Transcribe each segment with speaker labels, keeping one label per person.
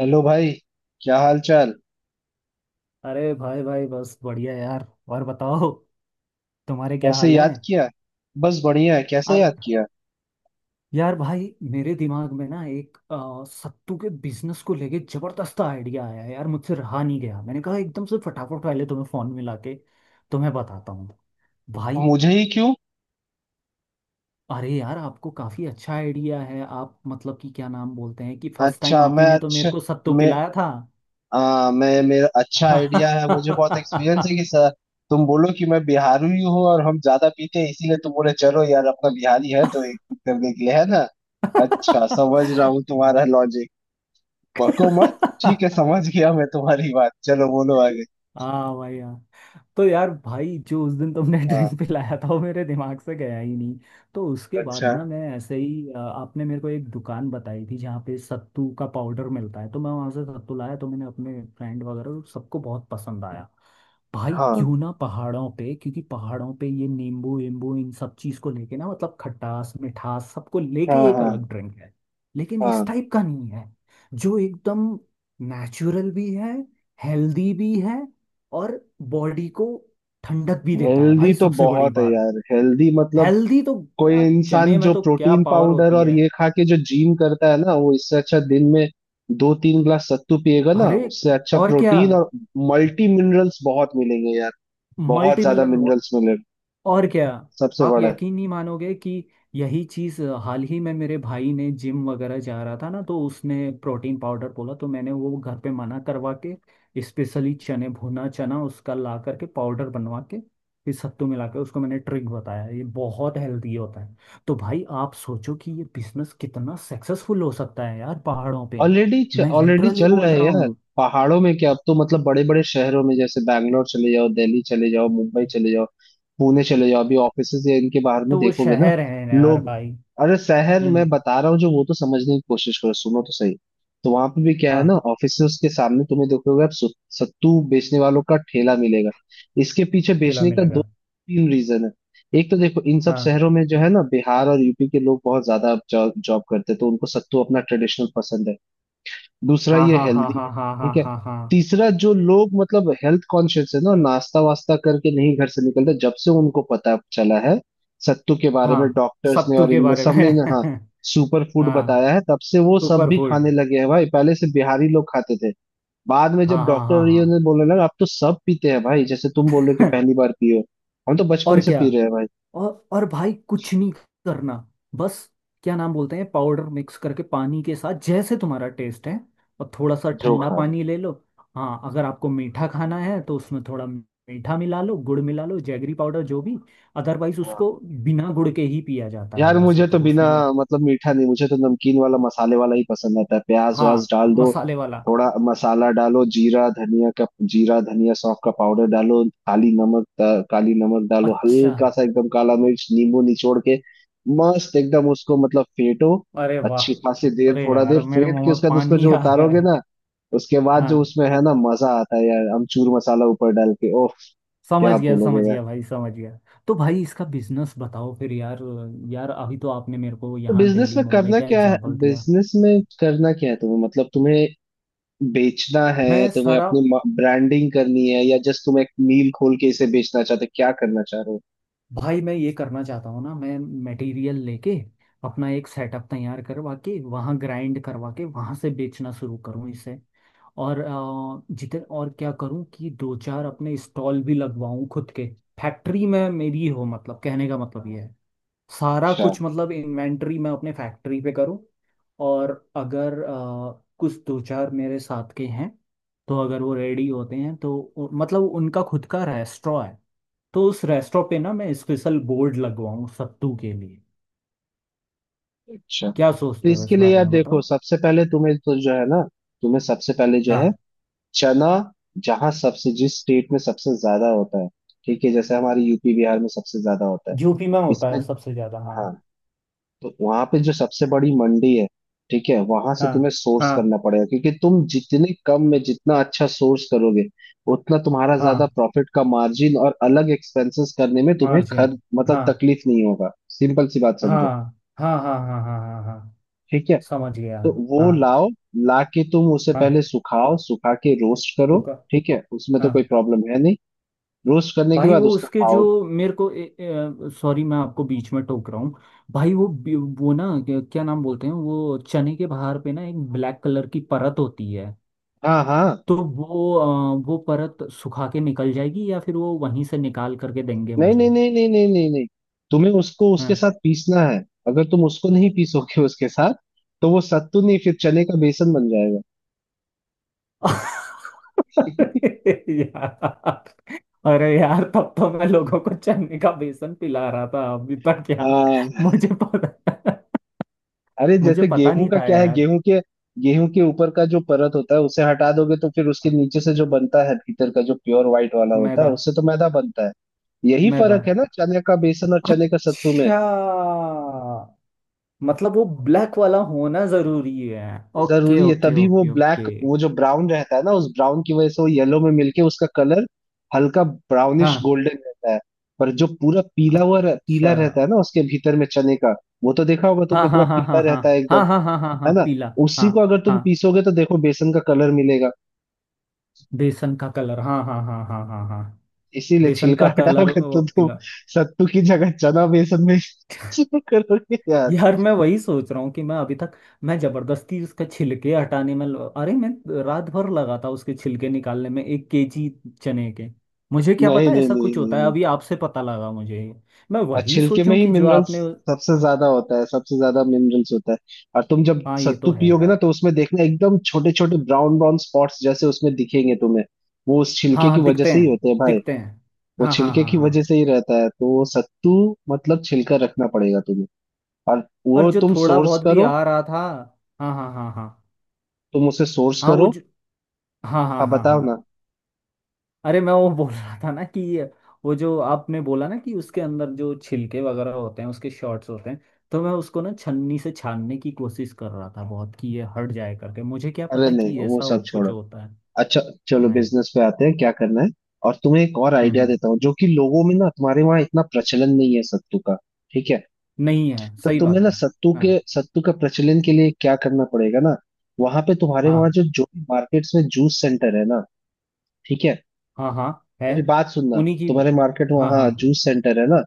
Speaker 1: Hello भाई। क्या हाल चाल।
Speaker 2: अरे भाई भाई बस बढ़िया यार। और बताओ। तुम्हारे क्या
Speaker 1: कैसे
Speaker 2: हाल है।
Speaker 1: याद किया? बस बढ़िया है। कैसे
Speaker 2: और
Speaker 1: याद किया?
Speaker 2: यार भाई मेरे दिमाग में ना एक सत्तू के बिजनेस को लेके जबरदस्त आइडिया आया है यार। मुझसे रहा नहीं गया। मैंने कहा एकदम से फटाफट पहले तुम्हें फोन मिला के तुम्हें बताता हूँ भाई।
Speaker 1: मुझे ही क्यों?
Speaker 2: अरे यार आपको काफी अच्छा आइडिया है। आप मतलब कि क्या नाम बोलते हैं कि फर्स्ट टाइम
Speaker 1: अच्छा
Speaker 2: आप ही ने तो मेरे को सत्तू
Speaker 1: मैं
Speaker 2: पिलाया
Speaker 1: मैं मेरा अच्छा आइडिया है। मुझे बहुत एक्सपीरियंस है कि सर तुम बोलो कि मैं बिहारी हूँ और हम ज्यादा पीते हैं, इसीलिए तुम बोले चलो यार अपना बिहारी है
Speaker 2: था।
Speaker 1: तो एक करने के लिए है ना। अच्छा समझ रहा हूँ तुम्हारा लॉजिक। बको मत। ठीक है समझ गया मैं तुम्हारी बात। चलो बोलो आगे।
Speaker 2: हाँ भाई हाँ। तो यार भाई जो उस दिन तुमने
Speaker 1: हाँ।
Speaker 2: ड्रिंक पिलाया था वो मेरे दिमाग से गया ही नहीं। तो उसके बाद
Speaker 1: अच्छा।
Speaker 2: ना मैं ऐसे ही आपने मेरे को एक दुकान बताई थी जहाँ पे सत्तू का पाउडर मिलता है। तो मैं वहाँ से सत्तू लाया। तो मैंने अपने फ्रेंड वगैरह को सबको बहुत पसंद आया। भाई
Speaker 1: हाँ
Speaker 2: क्यों ना पहाड़ों पे, क्योंकि पहाड़ों पे ये नींबू वींबू इन सब चीज़ को लेके ना मतलब खटास मिठास सबको लेके
Speaker 1: हाँ।
Speaker 2: एक अलग
Speaker 1: हाँ
Speaker 2: ड्रिंक है, लेकिन इस
Speaker 1: हाँ।
Speaker 2: टाइप का नहीं है। जो एकदम नेचुरल भी है, हेल्दी भी है, और बॉडी को ठंडक भी देता है
Speaker 1: हेल्दी
Speaker 2: भाई,
Speaker 1: तो
Speaker 2: सबसे बड़ी
Speaker 1: बहुत है
Speaker 2: बात।
Speaker 1: यार, हेल्दी मतलब
Speaker 2: हेल्दी तो
Speaker 1: कोई
Speaker 2: क्या,
Speaker 1: इंसान
Speaker 2: चने में
Speaker 1: जो
Speaker 2: तो क्या
Speaker 1: प्रोटीन
Speaker 2: पावर
Speaker 1: पाउडर
Speaker 2: होती
Speaker 1: और
Speaker 2: है।
Speaker 1: ये खा के जो जिम करता है ना, वो इससे अच्छा दिन में दो तीन ग्लास सत्तू पिएगा ना,
Speaker 2: अरे,
Speaker 1: उससे अच्छा
Speaker 2: और क्या।
Speaker 1: प्रोटीन और मल्टी मिनरल्स बहुत मिलेंगे यार। बहुत
Speaker 2: मल्टी
Speaker 1: ज्यादा
Speaker 2: मिनरल,
Speaker 1: मिनरल्स मिलेंगे।
Speaker 2: और क्या।
Speaker 1: सबसे
Speaker 2: आप
Speaker 1: बड़ा।
Speaker 2: यकीन नहीं मानोगे कि यही चीज़ हाल ही में मेरे भाई ने जिम वगैरह जा रहा था ना, तो उसने प्रोटीन पाउडर बोला, तो मैंने वो घर पे मना करवा के स्पेशली चने भुना चना उसका ला करके पाउडर बनवा के फिर सत्तू मिला के उसको मैंने ट्रिक बताया। ये बहुत हेल्दी होता है। तो भाई आप सोचो कि ये बिजनेस कितना सक्सेसफुल हो सकता है यार पहाड़ों पे।
Speaker 1: ऑलरेडी।
Speaker 2: मैं
Speaker 1: ऑलरेडी
Speaker 2: लिटरली
Speaker 1: चल
Speaker 2: बोल
Speaker 1: रहा है
Speaker 2: रहा
Speaker 1: यार।
Speaker 2: हूँ।
Speaker 1: पहाड़ों में क्या, अब तो मतलब बड़े बड़े शहरों में, जैसे बैंगलोर चले जाओ, दिल्ली चले जाओ, मुंबई चले जाओ, पुणे चले जाओ, अभी ऑफिसेज या इनके बाहर में
Speaker 2: तो वो
Speaker 1: देखोगे ना
Speaker 2: शहर है यार
Speaker 1: लोग।
Speaker 2: भाई।
Speaker 1: अरे शहर मैं
Speaker 2: हम्म।
Speaker 1: बता रहा हूँ जो, वो तो समझने की कोशिश करो, सुनो तो सही। तो वहां पे भी क्या है ना,
Speaker 2: हाँ।
Speaker 1: ऑफिसेज के सामने तुम्हें देखोगे आप सत्तू बेचने वालों का ठेला मिलेगा। इसके पीछे
Speaker 2: ठेला
Speaker 1: बेचने का दो
Speaker 2: मिलेगा।
Speaker 1: तीन रीजन है। एक तो देखो इन सब
Speaker 2: हाँ
Speaker 1: शहरों में जो है ना बिहार और यूपी के लोग बहुत ज्यादा जॉब करते हैं, तो उनको सत्तू अपना ट्रेडिशनल पसंद है। दूसरा
Speaker 2: हाँ
Speaker 1: ये
Speaker 2: हाँ हाँ
Speaker 1: हेल्दी
Speaker 2: हाँ
Speaker 1: है।
Speaker 2: हाँ हाँ
Speaker 1: ठीक है।
Speaker 2: हाँ हाँ
Speaker 1: तीसरा जो लोग मतलब हेल्थ कॉन्शियस है ना, नाश्ता वास्ता करके नहीं घर से निकलते, जब से उनको पता चला है सत्तू के बारे
Speaker 2: हाँ।
Speaker 1: में, डॉक्टर्स ने
Speaker 2: सत्तू
Speaker 1: और
Speaker 2: के
Speaker 1: इनमें
Speaker 2: बारे में।
Speaker 1: सबने ने, हाँ, सुपर फूड
Speaker 2: हाँ।
Speaker 1: बताया है, तब से वो सब
Speaker 2: सुपर
Speaker 1: भी
Speaker 2: फूड।
Speaker 1: खाने लगे हैं भाई, पहले से बिहारी लोग खाते थे। बाद में जब
Speaker 2: हाँ हाँ
Speaker 1: डॉक्टर
Speaker 2: हाँ
Speaker 1: और
Speaker 2: हाँ।
Speaker 1: ये ने बोलने लगा, अब तो सब पीते हैं भाई। जैसे तुम बोल रहे हो कि पहली बार पियो, हम तो बचपन
Speaker 2: और
Speaker 1: से
Speaker 2: क्या।
Speaker 1: पी रहे हैं भाई।
Speaker 2: और भाई कुछ नहीं करना, बस। क्या नाम बोलते हैं, पाउडर मिक्स करके पानी के साथ जैसे तुम्हारा टेस्ट है, और थोड़ा सा
Speaker 1: जो
Speaker 2: ठंडा
Speaker 1: खा रहे
Speaker 2: पानी ले लो। हाँ, अगर आपको मीठा खाना है तो उसमें थोड़ा मीठा मिला लो, गुड़ मिला लो, जैगरी पाउडर जो भी। अदरवाइज उसको
Speaker 1: हैं।
Speaker 2: बिना गुड़ के ही पिया जाता है
Speaker 1: यार
Speaker 2: वैसे
Speaker 1: मुझे तो
Speaker 2: तो
Speaker 1: बिना
Speaker 2: उसमें।
Speaker 1: मतलब मीठा नहीं, मुझे तो नमकीन वाला मसाले वाला ही पसंद आता है। प्याज
Speaker 2: हाँ,
Speaker 1: व्याज डाल दो,
Speaker 2: मसाले वाला।
Speaker 1: थोड़ा मसाला डालो, जीरा धनिया का, जीरा धनिया सौंफ का पाउडर डालो, काली नमक काली नमक डालो
Speaker 2: अच्छा।
Speaker 1: हल्का सा, एकदम काला मिर्च, नींबू निचोड़ के मस्त एकदम उसको मतलब फेटो,
Speaker 2: अरे वाह।
Speaker 1: अच्छी खासी देर,
Speaker 2: अरे
Speaker 1: थोड़ा
Speaker 2: यार
Speaker 1: देर
Speaker 2: मेरे
Speaker 1: फेट
Speaker 2: मुंह
Speaker 1: के
Speaker 2: में
Speaker 1: उसका उसको
Speaker 2: पानी
Speaker 1: जो
Speaker 2: आ रहा
Speaker 1: उतारोगे
Speaker 2: है।
Speaker 1: ना, उसके बाद जो
Speaker 2: हाँ,
Speaker 1: उसमें है ना मजा आता है यार। अमचूर मसाला ऊपर डाल के, ओह, क्या
Speaker 2: समझ
Speaker 1: बोलोगे।
Speaker 2: गया भाई समझ गया। तो भाई इसका बिजनेस बताओ फिर यार। यार अभी तो आपने मेरे को यहाँ दिल्ली मुंबई का एग्जांपल दिया।
Speaker 1: बिजनेस में करना क्या है? तुम्हें मतलब तुम्हें बेचना है?
Speaker 2: मैं
Speaker 1: तुम्हें
Speaker 2: सारा।
Speaker 1: अपनी ब्रांडिंग करनी है या जस्ट तुम एक मील खोल के इसे बेचना चाहते हो? क्या करना चाह रहे हो?
Speaker 2: भाई मैं ये करना चाहता हूँ ना। मैं मटेरियल लेके अपना एक सेटअप तैयार करवा के वहाँ ग्राइंड करवा के वहाँ से बेचना शुरू करूँ इसे। और जितने, और क्या करूं कि दो चार अपने स्टॉल भी लगवाऊं खुद के। फैक्ट्री में मेरी हो, मतलब कहने का मतलब ये है सारा
Speaker 1: अच्छा।
Speaker 2: कुछ मतलब इन्वेंटरी मैं अपने फैक्ट्री पे करूँ। और अगर कुछ दो चार मेरे साथ के हैं, तो अगर वो रेडी होते हैं तो मतलब उनका खुद का रेस्टोरेंट है, तो उस रेस्टोरेंट पे ना मैं स्पेशल बोर्ड लगवाऊँ सत्तू के लिए।
Speaker 1: अच्छा,
Speaker 2: क्या
Speaker 1: तो
Speaker 2: सोचते हो इस
Speaker 1: इसके लिए
Speaker 2: बारे
Speaker 1: यार
Speaker 2: में,
Speaker 1: देखो,
Speaker 2: बताओ।
Speaker 1: सबसे पहले तुम्हें तो जो है ना तुम्हें सबसे पहले जो है,
Speaker 2: हाँ,
Speaker 1: चना जहाँ सबसे जिस स्टेट में सबसे ज्यादा होता है, ठीक है, जैसे हमारे यूपी बिहार में सबसे ज्यादा होता है
Speaker 2: यूपी में होता
Speaker 1: इसमें,
Speaker 2: है सबसे ज्यादा, हाँ।
Speaker 1: हाँ, तो वहां पे जो सबसे बड़ी मंडी है, ठीक है, वहां से
Speaker 2: हाँ
Speaker 1: तुम्हें सोर्स
Speaker 2: हाँ
Speaker 1: करना पड़ेगा, क्योंकि तुम जितने कम में जितना अच्छा सोर्स करोगे उतना तुम्हारा ज्यादा
Speaker 2: हाँ,
Speaker 1: प्रॉफिट का मार्जिन, और अलग एक्सपेंसेस करने में तुम्हें
Speaker 2: मार्जिन,
Speaker 1: खर्च मतलब
Speaker 2: हाँ
Speaker 1: तकलीफ नहीं होगा। सिंपल सी बात
Speaker 2: हाँ
Speaker 1: समझो।
Speaker 2: हाँ हाँ हाँ हाँ हाँ हाँ,
Speaker 1: ठीक है,
Speaker 2: समझ गया।
Speaker 1: तो वो
Speaker 2: हाँ
Speaker 1: लाओ। ला के तुम उसे
Speaker 2: हाँ,
Speaker 1: पहले सुखाओ, सुखा के रोस्ट करो।
Speaker 2: रुका,
Speaker 1: ठीक है, उसमें तो
Speaker 2: हाँ।
Speaker 1: कोई प्रॉब्लम है नहीं। रोस्ट करने के
Speaker 2: भाई
Speaker 1: बाद
Speaker 2: वो
Speaker 1: उसका
Speaker 2: उसके जो
Speaker 1: पाउडर,
Speaker 2: मेरे को, सॉरी, मैं आपको बीच में टोक रहा हूँ। भाई वो वो ना क्या क्या नाम बोलते हैं, वो चने के बाहर पे ना एक ब्लैक कलर की परत होती है।
Speaker 1: हाँ, हाँ,
Speaker 2: तो वो वो परत सुखा के निकल जाएगी, या फिर वो वहीं से निकाल करके देंगे
Speaker 1: नहीं नहीं
Speaker 2: मुझे।
Speaker 1: नहीं नहीं नहीं नहीं नहीं, तुम्हें उसको उसके
Speaker 2: हाँ
Speaker 1: साथ पीसना है। अगर तुम उसको नहीं पीसोगे उसके साथ तो वो सत्तू नहीं, फिर चने का बेसन बन जाएगा।
Speaker 2: यार। अरे यार तब तो मैं लोगों को चने का बेसन पिला रहा था अभी तक यार।
Speaker 1: हाँ,
Speaker 2: मुझे पता
Speaker 1: अरे
Speaker 2: मुझे
Speaker 1: जैसे
Speaker 2: पता
Speaker 1: गेहूं
Speaker 2: नहीं
Speaker 1: का
Speaker 2: था
Speaker 1: क्या है,
Speaker 2: यार।
Speaker 1: गेहूं के ऊपर का जो परत होता है उसे हटा दोगे, तो फिर उसके नीचे से जो बनता है, भीतर का जो प्योर व्हाइट वाला होता
Speaker 2: मैदा।
Speaker 1: है, उससे तो मैदा बनता है। यही
Speaker 2: मैदा,
Speaker 1: फर्क है ना चने का बेसन और चने का सत्तू में।
Speaker 2: अच्छा। मतलब वो ब्लैक वाला होना जरूरी है। ओके
Speaker 1: जरूरी है,
Speaker 2: ओके
Speaker 1: तभी वो
Speaker 2: ओके
Speaker 1: ब्लैक,
Speaker 2: ओके,
Speaker 1: वो जो ब्राउन रहता है ना, उस ब्राउन की वजह से वो येलो में मिलके उसका कलर हल्का ब्राउनिश
Speaker 2: हाँ
Speaker 1: गोल्डन रहता है। पर जो पूरा पीला हुआ रह,
Speaker 2: अच्छा।
Speaker 1: पीला रहता है ना उसके भीतर में चने का, वो तो देखा होगा तुमने,
Speaker 2: हाँ
Speaker 1: पूरा
Speaker 2: हाँ हाँ
Speaker 1: पीला
Speaker 2: हाँ हाँ
Speaker 1: रहता है एकदम,
Speaker 2: हाँ हाँ हाँ हाँ
Speaker 1: है
Speaker 2: हाँ,
Speaker 1: ना।
Speaker 2: पीला। हाँ
Speaker 1: उसी को अगर तुम
Speaker 2: हाँ,
Speaker 1: पीसोगे तो देखो बेसन का कलर मिलेगा।
Speaker 2: बेसन का कलर, हाँ हाँ हाँ हाँ हाँ हाँ हाँ।
Speaker 1: इसीलिए
Speaker 2: बेसन
Speaker 1: छिलका
Speaker 2: का कलर,
Speaker 1: हटाओगे तो तुम
Speaker 2: पीला।
Speaker 1: सत्तू की जगह चना बेसन में करोगे यार।
Speaker 2: यार मैं वही सोच रहा हूँ कि मैं अभी तक, मैं जबरदस्ती उसका छिलके हटाने में अरे मैं रात भर लगा था उसके छिलके निकालने में, 1 केजी चने के। मुझे क्या
Speaker 1: नहीं
Speaker 2: पता
Speaker 1: नहीं
Speaker 2: ऐसा
Speaker 1: नहीं
Speaker 2: कुछ
Speaker 1: नहीं
Speaker 2: होता है,
Speaker 1: नहीं।
Speaker 2: अभी आपसे पता लगा मुझे ये। मैं
Speaker 1: और
Speaker 2: वही
Speaker 1: छिलके में
Speaker 2: सोचूं
Speaker 1: ही
Speaker 2: कि जो
Speaker 1: मिनरल्स
Speaker 2: आपने।
Speaker 1: सबसे ज्यादा होता है, सबसे ज्यादा मिनरल्स होता है। और तुम जब
Speaker 2: हाँ, ये तो
Speaker 1: सत्तू
Speaker 2: है
Speaker 1: पियोगे ना,
Speaker 2: यार।
Speaker 1: तो उसमें देखना एकदम छोटे छोटे ब्राउन ब्राउन स्पॉट्स जैसे उसमें दिखेंगे तुम्हें, वो उस
Speaker 2: हाँ
Speaker 1: छिलके की
Speaker 2: हाँ,
Speaker 1: वजह
Speaker 2: दिखते
Speaker 1: से ही
Speaker 2: हैं
Speaker 1: होते हैं भाई।
Speaker 2: दिखते हैं।
Speaker 1: वो
Speaker 2: हाँ हाँ
Speaker 1: छिलके
Speaker 2: हाँ
Speaker 1: की
Speaker 2: हाँ।
Speaker 1: वजह से ही रहता है तो वो सत्तू, मतलब छिलका रखना पड़ेगा तुम्हें, और
Speaker 2: और
Speaker 1: वो
Speaker 2: जो
Speaker 1: तुम
Speaker 2: थोड़ा
Speaker 1: सोर्स
Speaker 2: बहुत भी
Speaker 1: करो,
Speaker 2: आ रहा था। हाँ हाँ हाँ हाँ
Speaker 1: तुम उसे सोर्स
Speaker 2: हाँ। वो
Speaker 1: करो।
Speaker 2: जो हाँ
Speaker 1: हाँ
Speaker 2: हाँ हाँ
Speaker 1: बताओ
Speaker 2: हाँ।
Speaker 1: ना।
Speaker 2: अरे मैं वो बोल रहा था ना कि वो जो आपने बोला ना कि उसके अंदर जो छिलके वगैरह होते हैं, उसके शॉर्ट्स होते हैं, तो मैं उसको ना छन्नी से छानने की कोशिश कर रहा था बहुत कि ये हट जाए करके। मुझे क्या
Speaker 1: अरे
Speaker 2: पता
Speaker 1: नहीं,
Speaker 2: कि
Speaker 1: वो
Speaker 2: ऐसा
Speaker 1: सब
Speaker 2: हो कुछ
Speaker 1: छोड़ो।
Speaker 2: होता है।
Speaker 1: अच्छा, चलो
Speaker 2: नहीं।
Speaker 1: बिजनेस पे आते हैं, क्या करना है। और तुम्हें एक और
Speaker 2: हम्म
Speaker 1: आइडिया
Speaker 2: हम्म,
Speaker 1: देता हूँ जो कि लोगों में ना तुम्हारे वहां इतना प्रचलन नहीं है सत्तू का, ठीक है,
Speaker 2: नहीं है,
Speaker 1: तो
Speaker 2: सही
Speaker 1: तुम्हें
Speaker 2: बात
Speaker 1: ना
Speaker 2: है। हाँ
Speaker 1: सत्तू का प्रचलन के लिए क्या करना पड़ेगा ना, वहां पे तुम्हारे वहां
Speaker 2: हाँ
Speaker 1: जो जो भी मार्केट्स में जूस सेंटर है ना, ठीक है,
Speaker 2: हाँ हाँ है।
Speaker 1: मेरी बात सुनना,
Speaker 2: उन्हीं की।
Speaker 1: तुम्हारे मार्केट
Speaker 2: हाँ
Speaker 1: वहां
Speaker 2: हाँ
Speaker 1: जूस सेंटर है ना,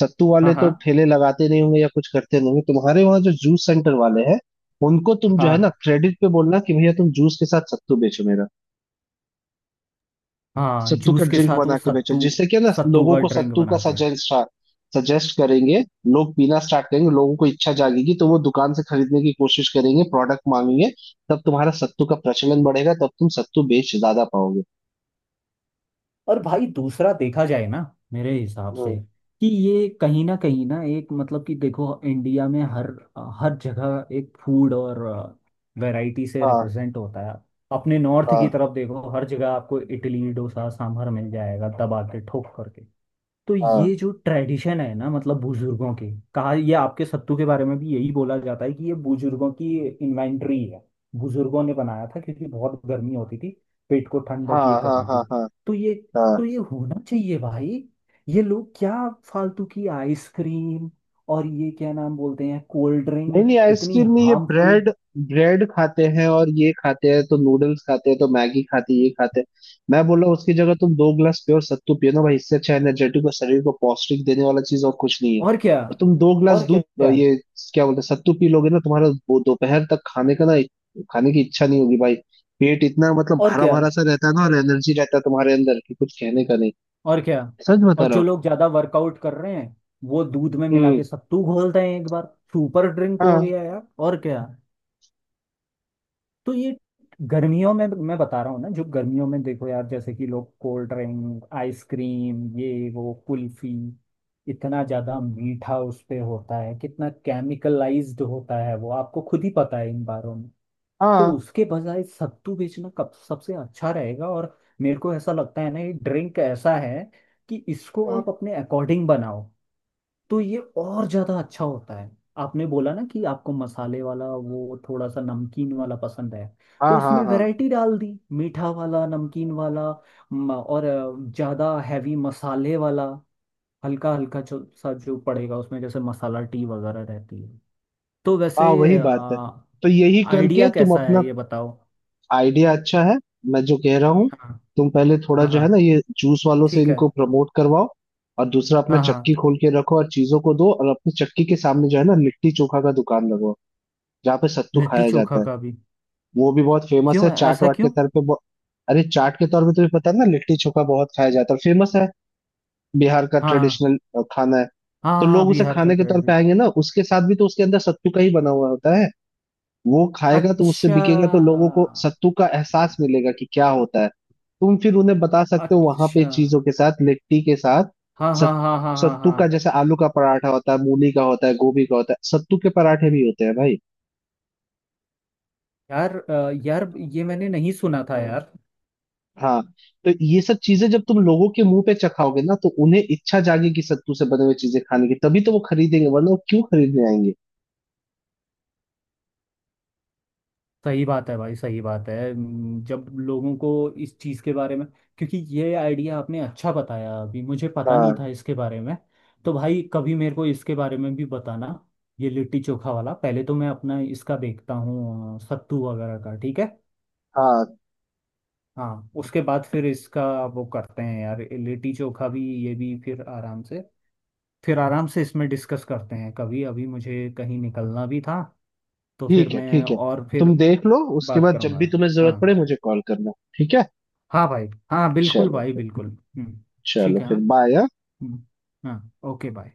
Speaker 1: सत्तू
Speaker 2: हाँ
Speaker 1: वाले तो
Speaker 2: हाँ
Speaker 1: ठेले लगाते नहीं होंगे या कुछ करते नहीं होंगे, तुम्हारे वहां जो जूस सेंटर वाले हैं उनको तुम जो है ना
Speaker 2: हाँ
Speaker 1: क्रेडिट पे बोलना कि भैया तुम जूस के साथ सत्तू बेचो मेरा,
Speaker 2: हाँ,
Speaker 1: सत्तू का
Speaker 2: जूस के
Speaker 1: ड्रिंक
Speaker 2: साथ
Speaker 1: बना
Speaker 2: वो
Speaker 1: के बेचो,
Speaker 2: सत्तू।
Speaker 1: जिससे क्या ना
Speaker 2: सत्तू
Speaker 1: लोगों
Speaker 2: का
Speaker 1: को
Speaker 2: ड्रिंक
Speaker 1: सत्तू का
Speaker 2: बना के।
Speaker 1: सजेस्ट सजेस्ट करेंगे, लोग पीना स्टार्ट करेंगे, लोगों को इच्छा जागेगी तो वो दुकान से खरीदने की कोशिश करेंगे, प्रोडक्ट मांगेंगे, तब तुम्हारा सत्तू का प्रचलन बढ़ेगा, तब तुम सत्तू बेच ज्यादा पाओगे।
Speaker 2: और भाई दूसरा देखा जाए ना, मेरे हिसाब से,
Speaker 1: हम्म।
Speaker 2: कि ये कहीं ना एक मतलब कि देखो इंडिया में हर हर जगह एक फूड और वैरायटी से
Speaker 1: हाँ
Speaker 2: रिप्रेजेंट होता है। अपने नॉर्थ
Speaker 1: हाँ
Speaker 2: की तरफ देखो, हर जगह आपको इडली डोसा सांभर मिल जाएगा दबा के ठोक करके। तो ये
Speaker 1: हाँ
Speaker 2: जो ट्रेडिशन है ना, मतलब बुजुर्गों के कहा, ये आपके सत्तू के बारे में भी यही बोला जाता है कि ये बुजुर्गों की इन्वेंटरी है। बुजुर्गों ने बनाया था क्योंकि बहुत गर्मी होती थी, पेट को ठंडक ये
Speaker 1: हाँ हाँ
Speaker 2: करने की।
Speaker 1: हाँ हाँ
Speaker 2: तो ये
Speaker 1: हाँ।
Speaker 2: तो ये होना चाहिए भाई। ये लोग क्या फालतू की आइसक्रीम और ये क्या नाम बोलते हैं, कोल्ड
Speaker 1: नहीं
Speaker 2: ड्रिंक,
Speaker 1: नहीं,
Speaker 2: इतनी
Speaker 1: आइसक्रीम में ये
Speaker 2: हार्मफुल।
Speaker 1: ब्रेड ब्रेड खाते हैं और ये खाते हैं, तो नूडल्स खाते हैं, तो मैगी खाते हैं, ये खाते हैं। मैं बोल रहा हूँ उसकी जगह तुम दो गिलास प्योर सत्तू पियो ना भाई, इससे अच्छा एनर्जेटिक और शरीर को पौष्टिक देने वाला चीज और कुछ नहीं है।
Speaker 2: और क्या।
Speaker 1: और तुम दो गिलास
Speaker 2: और
Speaker 1: दूध
Speaker 2: क्या।
Speaker 1: ये क्या बोलते हैं, सत्तू पी लोगे ना, तुम्हारा वो दोपहर तक खाने का ना, खाने की इच्छा नहीं होगी भाई। पेट इतना मतलब
Speaker 2: और
Speaker 1: भरा
Speaker 2: क्या।
Speaker 1: भरा सा रहता है ना, और एनर्जी रहता है तुम्हारे अंदर कि कुछ कहने का नहीं।
Speaker 2: और क्या।
Speaker 1: सच बता
Speaker 2: और
Speaker 1: रहा
Speaker 2: जो
Speaker 1: हूँ।
Speaker 2: लोग ज्यादा वर्कआउट कर रहे हैं, वो दूध में मिला
Speaker 1: हम्म।
Speaker 2: के सत्तू घोलते हैं एक बार। सुपर ड्रिंक हो
Speaker 1: हाँ
Speaker 2: गया यार, और क्या। तो ये गर्मियों में, मैं बता रहा हूँ ना, जो गर्मियों में देखो यार जैसे कि लोग कोल्ड ड्रिंक आइसक्रीम ये वो कुल्फी, इतना ज्यादा मीठा उस पे होता है, कितना केमिकलाइज्ड होता है वो आपको खुद ही पता है इन बारों। तो
Speaker 1: हाँ
Speaker 2: उसके बजाय सत्तू बेचना कब सबसे अच्छा रहेगा, और मेरे को ऐसा लगता है ना ये ड्रिंक ऐसा है कि इसको
Speaker 1: हाँ
Speaker 2: आप अपने अकॉर्डिंग बनाओ तो ये और ज्यादा अच्छा होता है। आपने बोला ना कि आपको मसाले वाला वो थोड़ा सा नमकीन वाला पसंद है। तो
Speaker 1: हाँ हाँ
Speaker 2: इसमें
Speaker 1: हाँ
Speaker 2: वैरायटी डाल दी, मीठा वाला, नमकीन वाला, और ज्यादा हैवी मसाले वाला, हल्का हल्का जो सा जो पड़ेगा उसमें जैसे मसाला टी वगैरह रहती है, तो वैसे।
Speaker 1: हाँ। वही बात है। तो यही करके
Speaker 2: आइडिया
Speaker 1: तुम
Speaker 2: कैसा
Speaker 1: अपना,
Speaker 2: है ये बताओ।
Speaker 1: आइडिया अच्छा है। मैं जो कह रहा हूँ,
Speaker 2: हाँ
Speaker 1: तुम पहले थोड़ा
Speaker 2: हाँ
Speaker 1: जो
Speaker 2: हाँ,
Speaker 1: है ना ये जूस वालों से
Speaker 2: ठीक है,
Speaker 1: इनको प्रमोट करवाओ, और दूसरा अपना
Speaker 2: हाँ हाँ,
Speaker 1: चक्की खोल के रखो और चीजों को दो, और अपनी चक्की के सामने जो है ना लिट्टी चोखा का दुकान लगवाओ, जहाँ पे सत्तू
Speaker 2: लिट्टी
Speaker 1: खाया जाता
Speaker 2: चोखा
Speaker 1: है।
Speaker 2: का भी
Speaker 1: वो भी बहुत फेमस है
Speaker 2: क्यों,
Speaker 1: चाट
Speaker 2: ऐसा
Speaker 1: वाट के
Speaker 2: क्यों।
Speaker 1: तौर पे अरे चाट के तौर पे तुम्हें पता है ना, लिट्टी चोखा बहुत खाया जाता है, फेमस है, बिहार का
Speaker 2: हाँ हाँ
Speaker 1: ट्रेडिशनल खाना है।
Speaker 2: हाँ
Speaker 1: तो
Speaker 2: हाँ,
Speaker 1: लोग उसे
Speaker 2: बिहार का
Speaker 1: खाने के तौर पे
Speaker 2: ट्रेडिशन।
Speaker 1: आएंगे ना, उसके साथ भी तो उसके अंदर सत्तू का ही बना हुआ होता है, वो खाएगा तो उससे
Speaker 2: अच्छा।
Speaker 1: बिकेगा, तो लोगों को सत्तू का एहसास मिलेगा कि क्या होता है। तुम फिर उन्हें बता सकते हो वहां पे
Speaker 2: अच्छा,
Speaker 1: चीजों के साथ, लिट्टी के साथ,
Speaker 2: हाँ हाँ
Speaker 1: सत,
Speaker 2: हाँ हाँ हाँ
Speaker 1: सत्तू का,
Speaker 2: हाँ।
Speaker 1: जैसे आलू का पराठा होता है, मूली का होता है, गोभी का होता है, सत्तू के पराठे भी होते हैं भाई।
Speaker 2: यार यार ये मैंने नहीं सुना था यार।
Speaker 1: हाँ, तो ये सब चीजें जब तुम लोगों के मुंह पे चखाओगे ना, तो उन्हें इच्छा जागेगी सत्तू से बने हुए चीजें खाने की, तभी तो वो खरीदेंगे, वरना वो क्यों खरीदने आएंगे।
Speaker 2: सही बात है भाई, सही बात है। जब लोगों को इस चीज़ के बारे में, क्योंकि ये आइडिया आपने अच्छा बताया, अभी मुझे पता नहीं
Speaker 1: हाँ
Speaker 2: था इसके बारे में। तो भाई कभी मेरे को इसके बारे में भी बताना, ये लिट्टी चोखा वाला। पहले तो मैं अपना इसका देखता हूँ, सत्तू वगैरह का, ठीक है।
Speaker 1: हाँ।
Speaker 2: हाँ, उसके बाद फिर इसका वो करते हैं यार, ये लिट्टी चोखा भी। ये भी फिर आराम से, फिर आराम से इसमें डिस्कस करते हैं कभी, अभी मुझे कहीं निकलना भी था। तो फिर
Speaker 1: ठीक है
Speaker 2: मैं,
Speaker 1: ठीक है,
Speaker 2: और फिर
Speaker 1: तुम देख लो, उसके
Speaker 2: बात
Speaker 1: बाद जब
Speaker 2: करूँगा।
Speaker 1: भी तुम्हें जरूरत
Speaker 2: हाँ,
Speaker 1: पड़े मुझे कॉल करना। ठीक है।
Speaker 2: हाँ भाई हाँ, बिल्कुल
Speaker 1: चलो
Speaker 2: भाई
Speaker 1: फिर।
Speaker 2: बिल्कुल। हम्म,
Speaker 1: चलो
Speaker 2: ठीक है,
Speaker 1: फिर
Speaker 2: हाँ।
Speaker 1: बाय।
Speaker 2: हम्म, हाँ ओके, बाय।